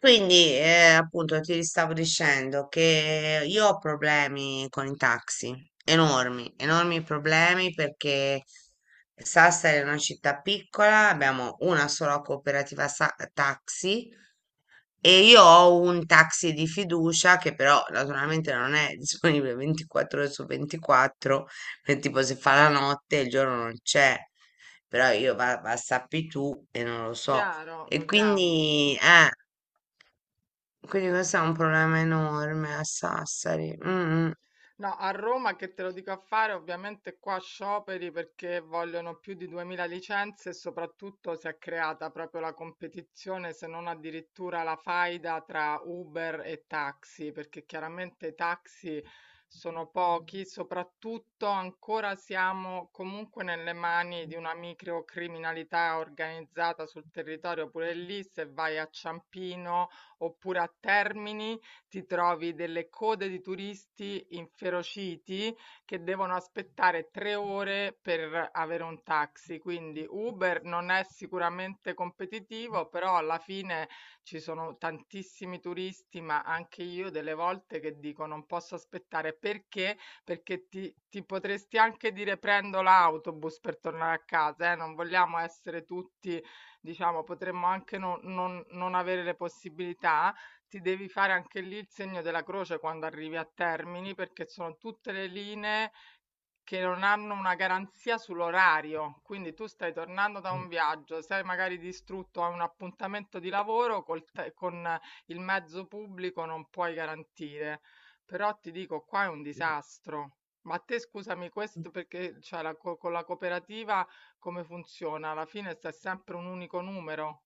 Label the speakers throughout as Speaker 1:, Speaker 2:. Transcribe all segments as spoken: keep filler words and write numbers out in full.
Speaker 1: Quindi, eh, appunto, ti stavo dicendo che io ho problemi con i taxi, enormi, enormi problemi perché Sassari è una città piccola, abbiamo una sola cooperativa sa- taxi e io ho un taxi di fiducia che però naturalmente non è disponibile ventiquattro ore su ventiquattro, perché tipo se fa la notte il giorno non c'è, però io va, va sappi tu e non lo so.
Speaker 2: Chiaro,
Speaker 1: E
Speaker 2: lo chiami. Mh.
Speaker 1: quindi, eh. Quindi questo è un problema enorme a Sassari. Mm, mm.
Speaker 2: No, a Roma che te lo dico a fare, ovviamente qua scioperi perché vogliono più di duemila licenze e soprattutto si è creata proprio la competizione, se non addirittura la faida tra Uber e taxi, perché chiaramente i taxi sono pochi, soprattutto ancora siamo comunque nelle mani di una microcriminalità organizzata sul territorio, pure lì se vai a Ciampino oppure a Termini ti trovi delle code di turisti inferociti che devono aspettare tre ore per avere un taxi. Quindi Uber non è sicuramente competitivo, però alla fine ci sono tantissimi turisti, ma anche io delle volte che dico non posso aspettare perché? Perché ti, ti potresti anche dire prendo l'autobus per tornare a casa, eh? Non vogliamo essere tutti, diciamo, potremmo anche non non- non avere le possibilità, ti devi fare anche lì il segno della croce quando arrivi a Termini, perché sono tutte le linee che non hanno una garanzia sull'orario. Quindi tu stai tornando da un viaggio, sei magari distrutto a un appuntamento di lavoro, col te- con il mezzo pubblico non puoi garantire. Però ti dico, qua è un disastro. Ma te scusami questo perché cioè, la co- con la cooperativa come funziona? Alla fine sta sempre un unico numero.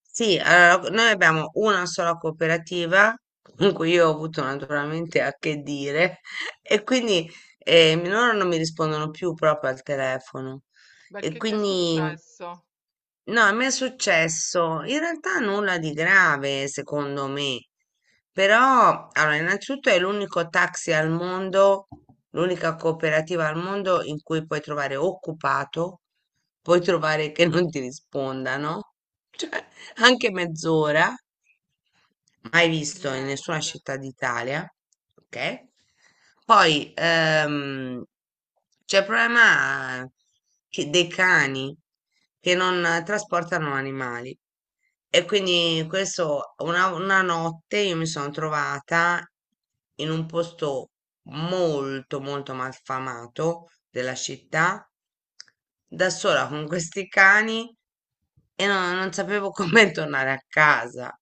Speaker 1: Sì, allora, noi abbiamo una sola cooperativa con cui io ho avuto naturalmente a che dire e quindi eh, loro non mi rispondono più proprio al telefono e
Speaker 2: Perché che è
Speaker 1: quindi
Speaker 2: successo?
Speaker 1: no, a me è successo in realtà nulla di grave secondo me, però allora innanzitutto è l'unico taxi al mondo, l'unica cooperativa al mondo in cui puoi trovare occupato, puoi trovare che non ti rispondano. Anche mezz'ora, mai visto in nessuna
Speaker 2: Niente.
Speaker 1: città d'Italia, ok? Poi ehm, c'è il problema che- dei cani che non eh,
Speaker 2: Mm.
Speaker 1: trasportano animali. E quindi questo, una, una notte io mi sono trovata in un posto molto, molto malfamato della città da sola con questi cani e no- non sapevo come tornare a casa.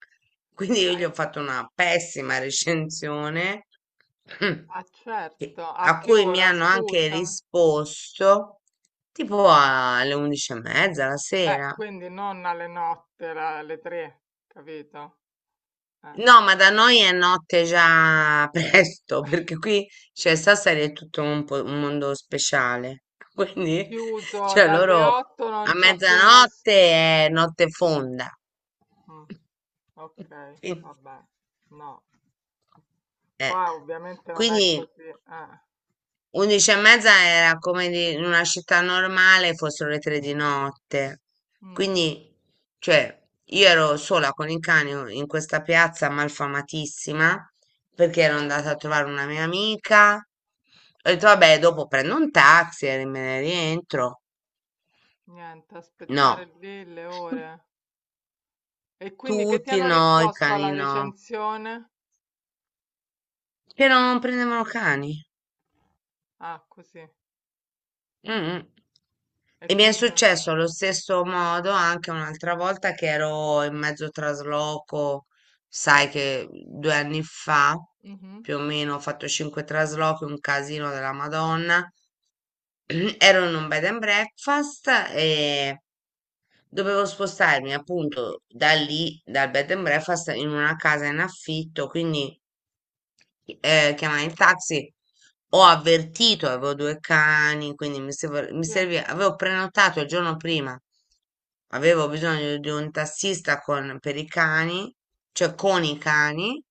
Speaker 1: Quindi io
Speaker 2: Eh,
Speaker 1: gli ho
Speaker 2: p-
Speaker 1: fatto una pessima recensione
Speaker 2: Ah, certo,
Speaker 1: che-
Speaker 2: a
Speaker 1: a
Speaker 2: che
Speaker 1: cui mi
Speaker 2: ora,
Speaker 1: hanno anche
Speaker 2: scusa?
Speaker 1: risposto tipo alle undici e mezza la
Speaker 2: Eh,
Speaker 1: sera.
Speaker 2: quindi non alle notte, la- alle tre, capito? Eh.
Speaker 1: No, ma da noi è notte già presto, perché qui, cioè, Sassari è tutto un, po- un mondo speciale. Quindi,
Speaker 2: Chiuso
Speaker 1: cioè,
Speaker 2: dalle
Speaker 1: loro
Speaker 2: otto non
Speaker 1: a
Speaker 2: c'è più
Speaker 1: mezzanotte
Speaker 2: nessuno.
Speaker 1: è notte fonda.
Speaker 2: Mm, ok,
Speaker 1: Quindi,
Speaker 2: vabbè. No,
Speaker 1: eh,
Speaker 2: qua ovviamente non è
Speaker 1: quindi
Speaker 2: così, eh.
Speaker 1: undici e mezza era come di- in una città normale fossero le tre di notte.
Speaker 2: Mm,
Speaker 1: Quindi, cioè, io ero sola con il cane in questa piazza malfamatissima perché ero andata a trovare una mia amica. Ho detto, vabbè, dopo prendo un taxi e me ne rientro.
Speaker 2: niente,
Speaker 1: No,
Speaker 2: aspettare lì le ore. E quindi che ti
Speaker 1: tutti
Speaker 2: hanno
Speaker 1: no, i
Speaker 2: risposto
Speaker 1: cani
Speaker 2: alla
Speaker 1: no.
Speaker 2: recensione?
Speaker 1: Che non prendevano cani.
Speaker 2: Ah, così.
Speaker 1: Mm.
Speaker 2: E
Speaker 1: E mi è
Speaker 2: quindi...
Speaker 1: successo allo stesso modo anche un'altra volta che ero in mezzo trasloco, sai che due anni fa
Speaker 2: Mhm,
Speaker 1: più o meno ho fatto cinque traslochi, un casino della Madonna. Ero in un bed and breakfast e dovevo spostarmi appunto da lì, dal bed and breakfast, in una casa in affitto, quindi eh, chiamare il taxi. Ho avvertito, avevo due cani, quindi mi serv- mi
Speaker 2: sì,
Speaker 1: serviva, avevo prenotato il giorno prima, avevo bisogno di un tassista con, per i cani, cioè con i cani,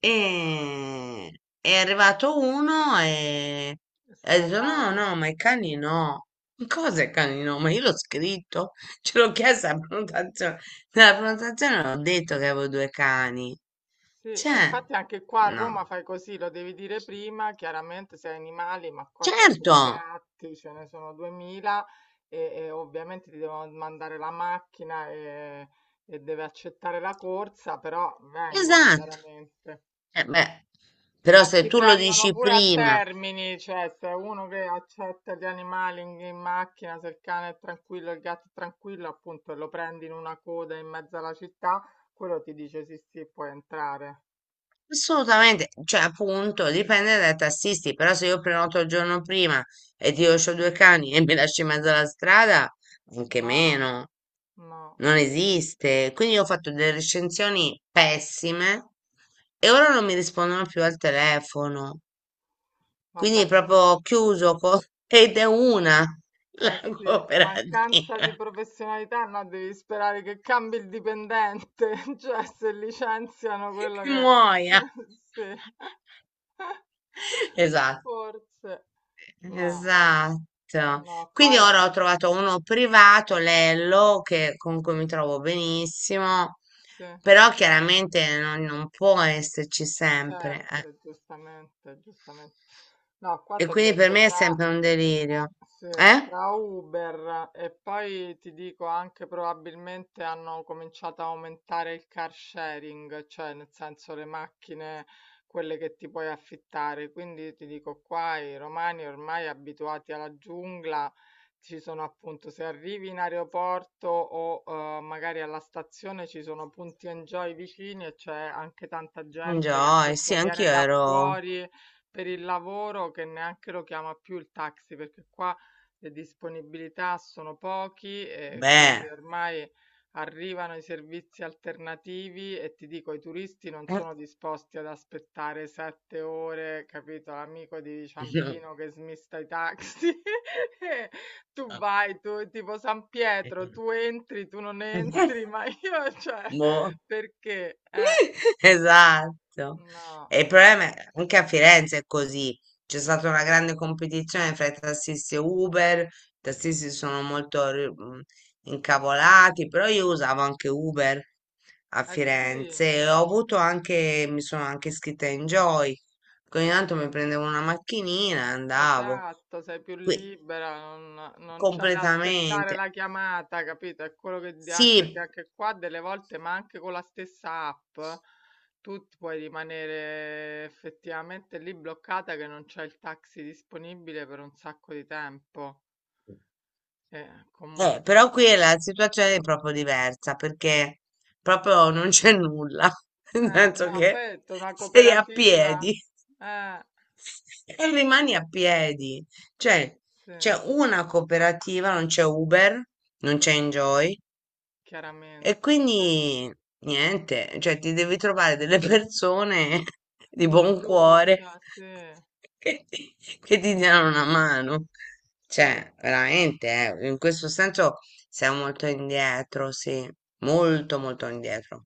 Speaker 1: e è arrivato uno e
Speaker 2: se
Speaker 1: e
Speaker 2: n'è
Speaker 1: ha detto no,
Speaker 2: andato.
Speaker 1: no, ma i cani no. "Ma cosa i cani no? Ma io l'ho scritto, ce l'ho chiesto alla prenotazione. Nella
Speaker 2: Eh,
Speaker 1: prenotazione ho detto che avevo due cani.
Speaker 2: sì, e
Speaker 1: Cioè,
Speaker 2: infatti anche qua a Roma
Speaker 1: no.
Speaker 2: fai così, lo devi dire prima, chiaramente se hai animali, ma qua c'ho
Speaker 1: Certo,
Speaker 2: pure gatti, ce ne sono duemila e, e ovviamente ti devono mandare la macchina, e, e deve accettare la corsa, però vengono
Speaker 1: esatto.
Speaker 2: chiaramente.
Speaker 1: Eh beh, però
Speaker 2: Ma
Speaker 1: se
Speaker 2: ti
Speaker 1: tu lo
Speaker 2: prendono
Speaker 1: dici
Speaker 2: pure a
Speaker 1: prima,
Speaker 2: Termini, cioè se è uno che accetta gli animali in, in macchina, se il cane è tranquillo, il gatto è tranquillo, appunto, e lo prendi in una coda in mezzo alla città, quello ti dice sì, sì, puoi entrare.
Speaker 1: assolutamente, cioè appunto, dipende dai tassisti, però se io prenoto il giorno prima e ti lascio due cani e mi lasci in mezzo alla strada, anche
Speaker 2: No,
Speaker 1: meno,
Speaker 2: no,
Speaker 1: non esiste. Quindi io ho fatto delle recensioni pessime e ora non mi rispondono più al telefono. Quindi
Speaker 2: vabbè,
Speaker 1: proprio
Speaker 2: quindi
Speaker 1: ho chiuso co- ed è una
Speaker 2: eh
Speaker 1: la
Speaker 2: sì, mancanza di
Speaker 1: cooperativa.
Speaker 2: professionalità, no, devi sperare che cambi il dipendente, cioè se licenziano
Speaker 1: Che
Speaker 2: quello che...
Speaker 1: muoia.
Speaker 2: Sì,
Speaker 1: Esatto,
Speaker 2: forse. No, no,
Speaker 1: esatto.
Speaker 2: no,
Speaker 1: Quindi
Speaker 2: qua è...
Speaker 1: ora ho trovato uno privato, Lello, che, con cui mi trovo benissimo,
Speaker 2: Sì,
Speaker 1: però chiaramente non, non può esserci sempre. eh.
Speaker 2: sempre, giustamente, giustamente. No, qua
Speaker 1: E
Speaker 2: ti ho
Speaker 1: quindi per
Speaker 2: detto
Speaker 1: me è
Speaker 2: tra...
Speaker 1: sempre un delirio.
Speaker 2: Sì,
Speaker 1: Eh?
Speaker 2: tra Uber e poi ti dico anche probabilmente hanno cominciato a aumentare il car sharing, cioè nel senso le macchine, quelle che ti puoi affittare. Quindi ti dico qua i romani ormai abituati alla giungla, ci sono appunto se arrivi in aeroporto o eh, magari alla stazione ci sono punti enjoy vicini e c'è anche tanta
Speaker 1: Un
Speaker 2: gente che
Speaker 1: joy,
Speaker 2: appunto
Speaker 1: sì,
Speaker 2: viene
Speaker 1: anch'io
Speaker 2: da
Speaker 1: ero...
Speaker 2: fuori per il lavoro che neanche lo chiama più il taxi perché qua le disponibilità sono pochi e
Speaker 1: Beh.
Speaker 2: quindi ormai arrivano i servizi alternativi e ti dico, i turisti non sono disposti ad aspettare sette ore, capito? L'amico di Ciampino che smista i taxi. E tu vai, tu tipo San
Speaker 1: eh.
Speaker 2: Pietro, tu entri, tu non entri, ma io, cioè,
Speaker 1: Boh.
Speaker 2: perché? Eh,
Speaker 1: Esatto.
Speaker 2: no.
Speaker 1: E il problema è anche a Firenze è così. C'è stata una grande competizione fra i tassisti e Uber. I tassisti sono molto ri- mh, incavolati, però io usavo anche Uber a
Speaker 2: Eh sì.
Speaker 1: Firenze e ho
Speaker 2: Eh.
Speaker 1: avuto anche, mi sono anche iscritta in Joy. Ogni tanto mi prendevo una macchinina e andavo
Speaker 2: Esatto, sei più
Speaker 1: qui
Speaker 2: libera, non, non c'hai da aspettare
Speaker 1: completamente.
Speaker 2: la chiamata, capito? È quello che di- anche perché
Speaker 1: Sì,
Speaker 2: anche qua delle volte, ma anche con la stessa app, tu ti puoi rimanere effettivamente lì bloccata che non c'è il taxi disponibile per un sacco di tempo. E
Speaker 1: Eh,
Speaker 2: comunque,
Speaker 1: però qui è la situazione è proprio diversa perché proprio non c'è nulla, nel
Speaker 2: eh,
Speaker 1: senso
Speaker 2: no, poi
Speaker 1: che
Speaker 2: è una
Speaker 1: sei a
Speaker 2: cooperativa,
Speaker 1: piedi
Speaker 2: eh,
Speaker 1: e rimani a piedi. Cioè,
Speaker 2: sì,
Speaker 1: c'è una cooperativa, non c'è Uber, non c'è Enjoy, e
Speaker 2: chiaramente, sì,
Speaker 1: quindi niente, cioè ti devi trovare delle persone di
Speaker 2: di
Speaker 1: buon cuore
Speaker 2: fiducia, sì,
Speaker 1: che ti, che ti diano una mano.
Speaker 2: sì.
Speaker 1: Cioè, veramente, eh, in questo senso siamo molto indietro, sì, molto
Speaker 2: Mm.
Speaker 1: molto indietro.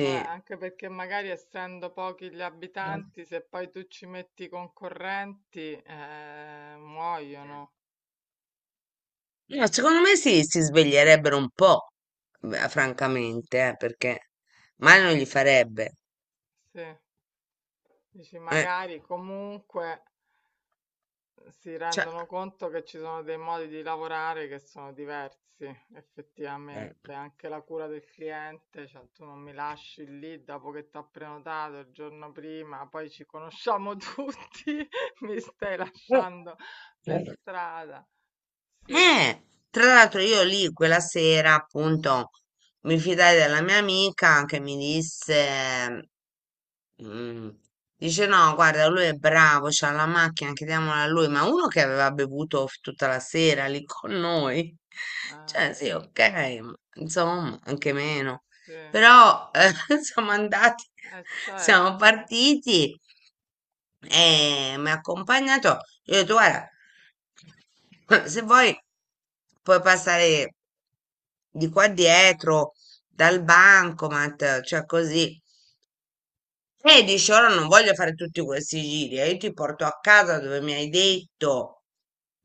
Speaker 2: Vabbè, anche perché magari essendo pochi gli
Speaker 1: No,
Speaker 2: abitanti, se poi tu ci metti i concorrenti, eh, muoiono.
Speaker 1: secondo me sì, si sveglierebbero un po', beh, francamente, eh, perché male non gli farebbe.
Speaker 2: Sì, dici
Speaker 1: eh,
Speaker 2: magari comunque si
Speaker 1: cioè.
Speaker 2: rendono conto che ci sono dei modi di lavorare che sono diversi, effettivamente. Anche la cura del cliente, cioè tu non mi lasci lì dopo che ti ho prenotato il giorno prima, poi ci conosciamo tutti, mi stai lasciando per
Speaker 1: eh.
Speaker 2: strada. Sì,
Speaker 1: Eh, Tra l'altro io lì quella sera appunto mi fidai della mia amica che mi disse, mm, dice no, guarda, lui è bravo, c'ha la macchina, chiediamola a lui, ma uno che aveva bevuto f- tutta la sera lì con noi,
Speaker 2: eh.
Speaker 1: cioè sì, ok, ma insomma, anche meno,
Speaker 2: Sì, eh
Speaker 1: però eh, siamo andati, siamo
Speaker 2: certo,
Speaker 1: partiti e mi ha accompagnato. Io ho detto, guarda, se vuoi puoi passare di qua dietro dal bancomat, cioè così e dici, ora non voglio fare tutti questi giri, eh, io ti porto a casa dove mi hai detto,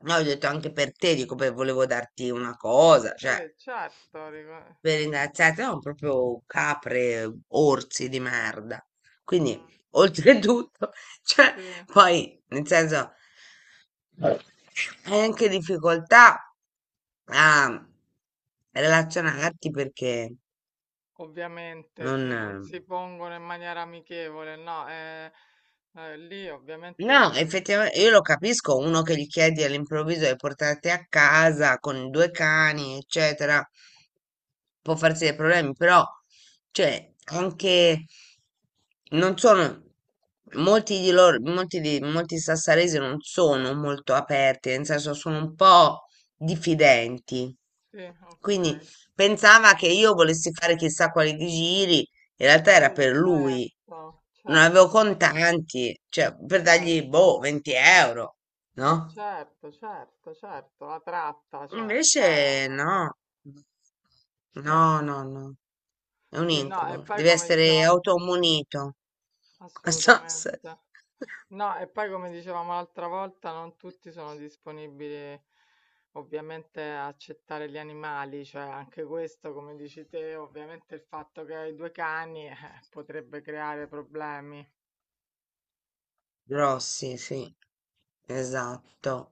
Speaker 1: no, ho detto anche per te, dico, beh, volevo darti una cosa, cioè,
Speaker 2: sì, certo, rico-
Speaker 1: per ringraziarti, no, proprio capre, orsi di merda. Quindi,
Speaker 2: mm,
Speaker 1: oltretutto, cioè,
Speaker 2: sì,
Speaker 1: poi, nel senso, hai anche difficoltà a relazionarti perché
Speaker 2: ovviamente sì, non
Speaker 1: non...
Speaker 2: si pongono in maniera amichevole, no, eh, eh, lì ovviamente
Speaker 1: No,
Speaker 2: eh,
Speaker 1: effettivamente io lo capisco, uno che gli chiedi all'improvviso di portarti a casa con i due cani, eccetera, può farsi dei problemi, però, cioè, anche non sono molti di loro, molti di molti sassaresi non sono molto aperti, nel senso sono un po' diffidenti.
Speaker 2: sì,
Speaker 1: Quindi
Speaker 2: ok,
Speaker 1: pensava che io volessi fare chissà quali giri in realtà era
Speaker 2: sì,
Speaker 1: per lui,
Speaker 2: certo,
Speaker 1: non avevo
Speaker 2: certo,
Speaker 1: contanti, cioè per dargli,
Speaker 2: certo,
Speaker 1: boh, venti euro,
Speaker 2: ma
Speaker 1: no?
Speaker 2: certo, certo, certo, la tratta, cioè,
Speaker 1: Invece
Speaker 2: ah, eh,
Speaker 1: no,
Speaker 2: sì,
Speaker 1: no, no, no, è un
Speaker 2: sì, no, e
Speaker 1: incubo,
Speaker 2: poi
Speaker 1: deve
Speaker 2: come
Speaker 1: essere
Speaker 2: diceva,
Speaker 1: automunito. So
Speaker 2: assolutamente.
Speaker 1: se-
Speaker 2: No, e poi come dicevamo l'altra volta, non tutti sono disponibili ovviamente a accettare gli animali, cioè anche questo, come dici te, ovviamente il fatto che hai due cani, eh, potrebbe creare problemi.
Speaker 1: Grossi, sì, esatto.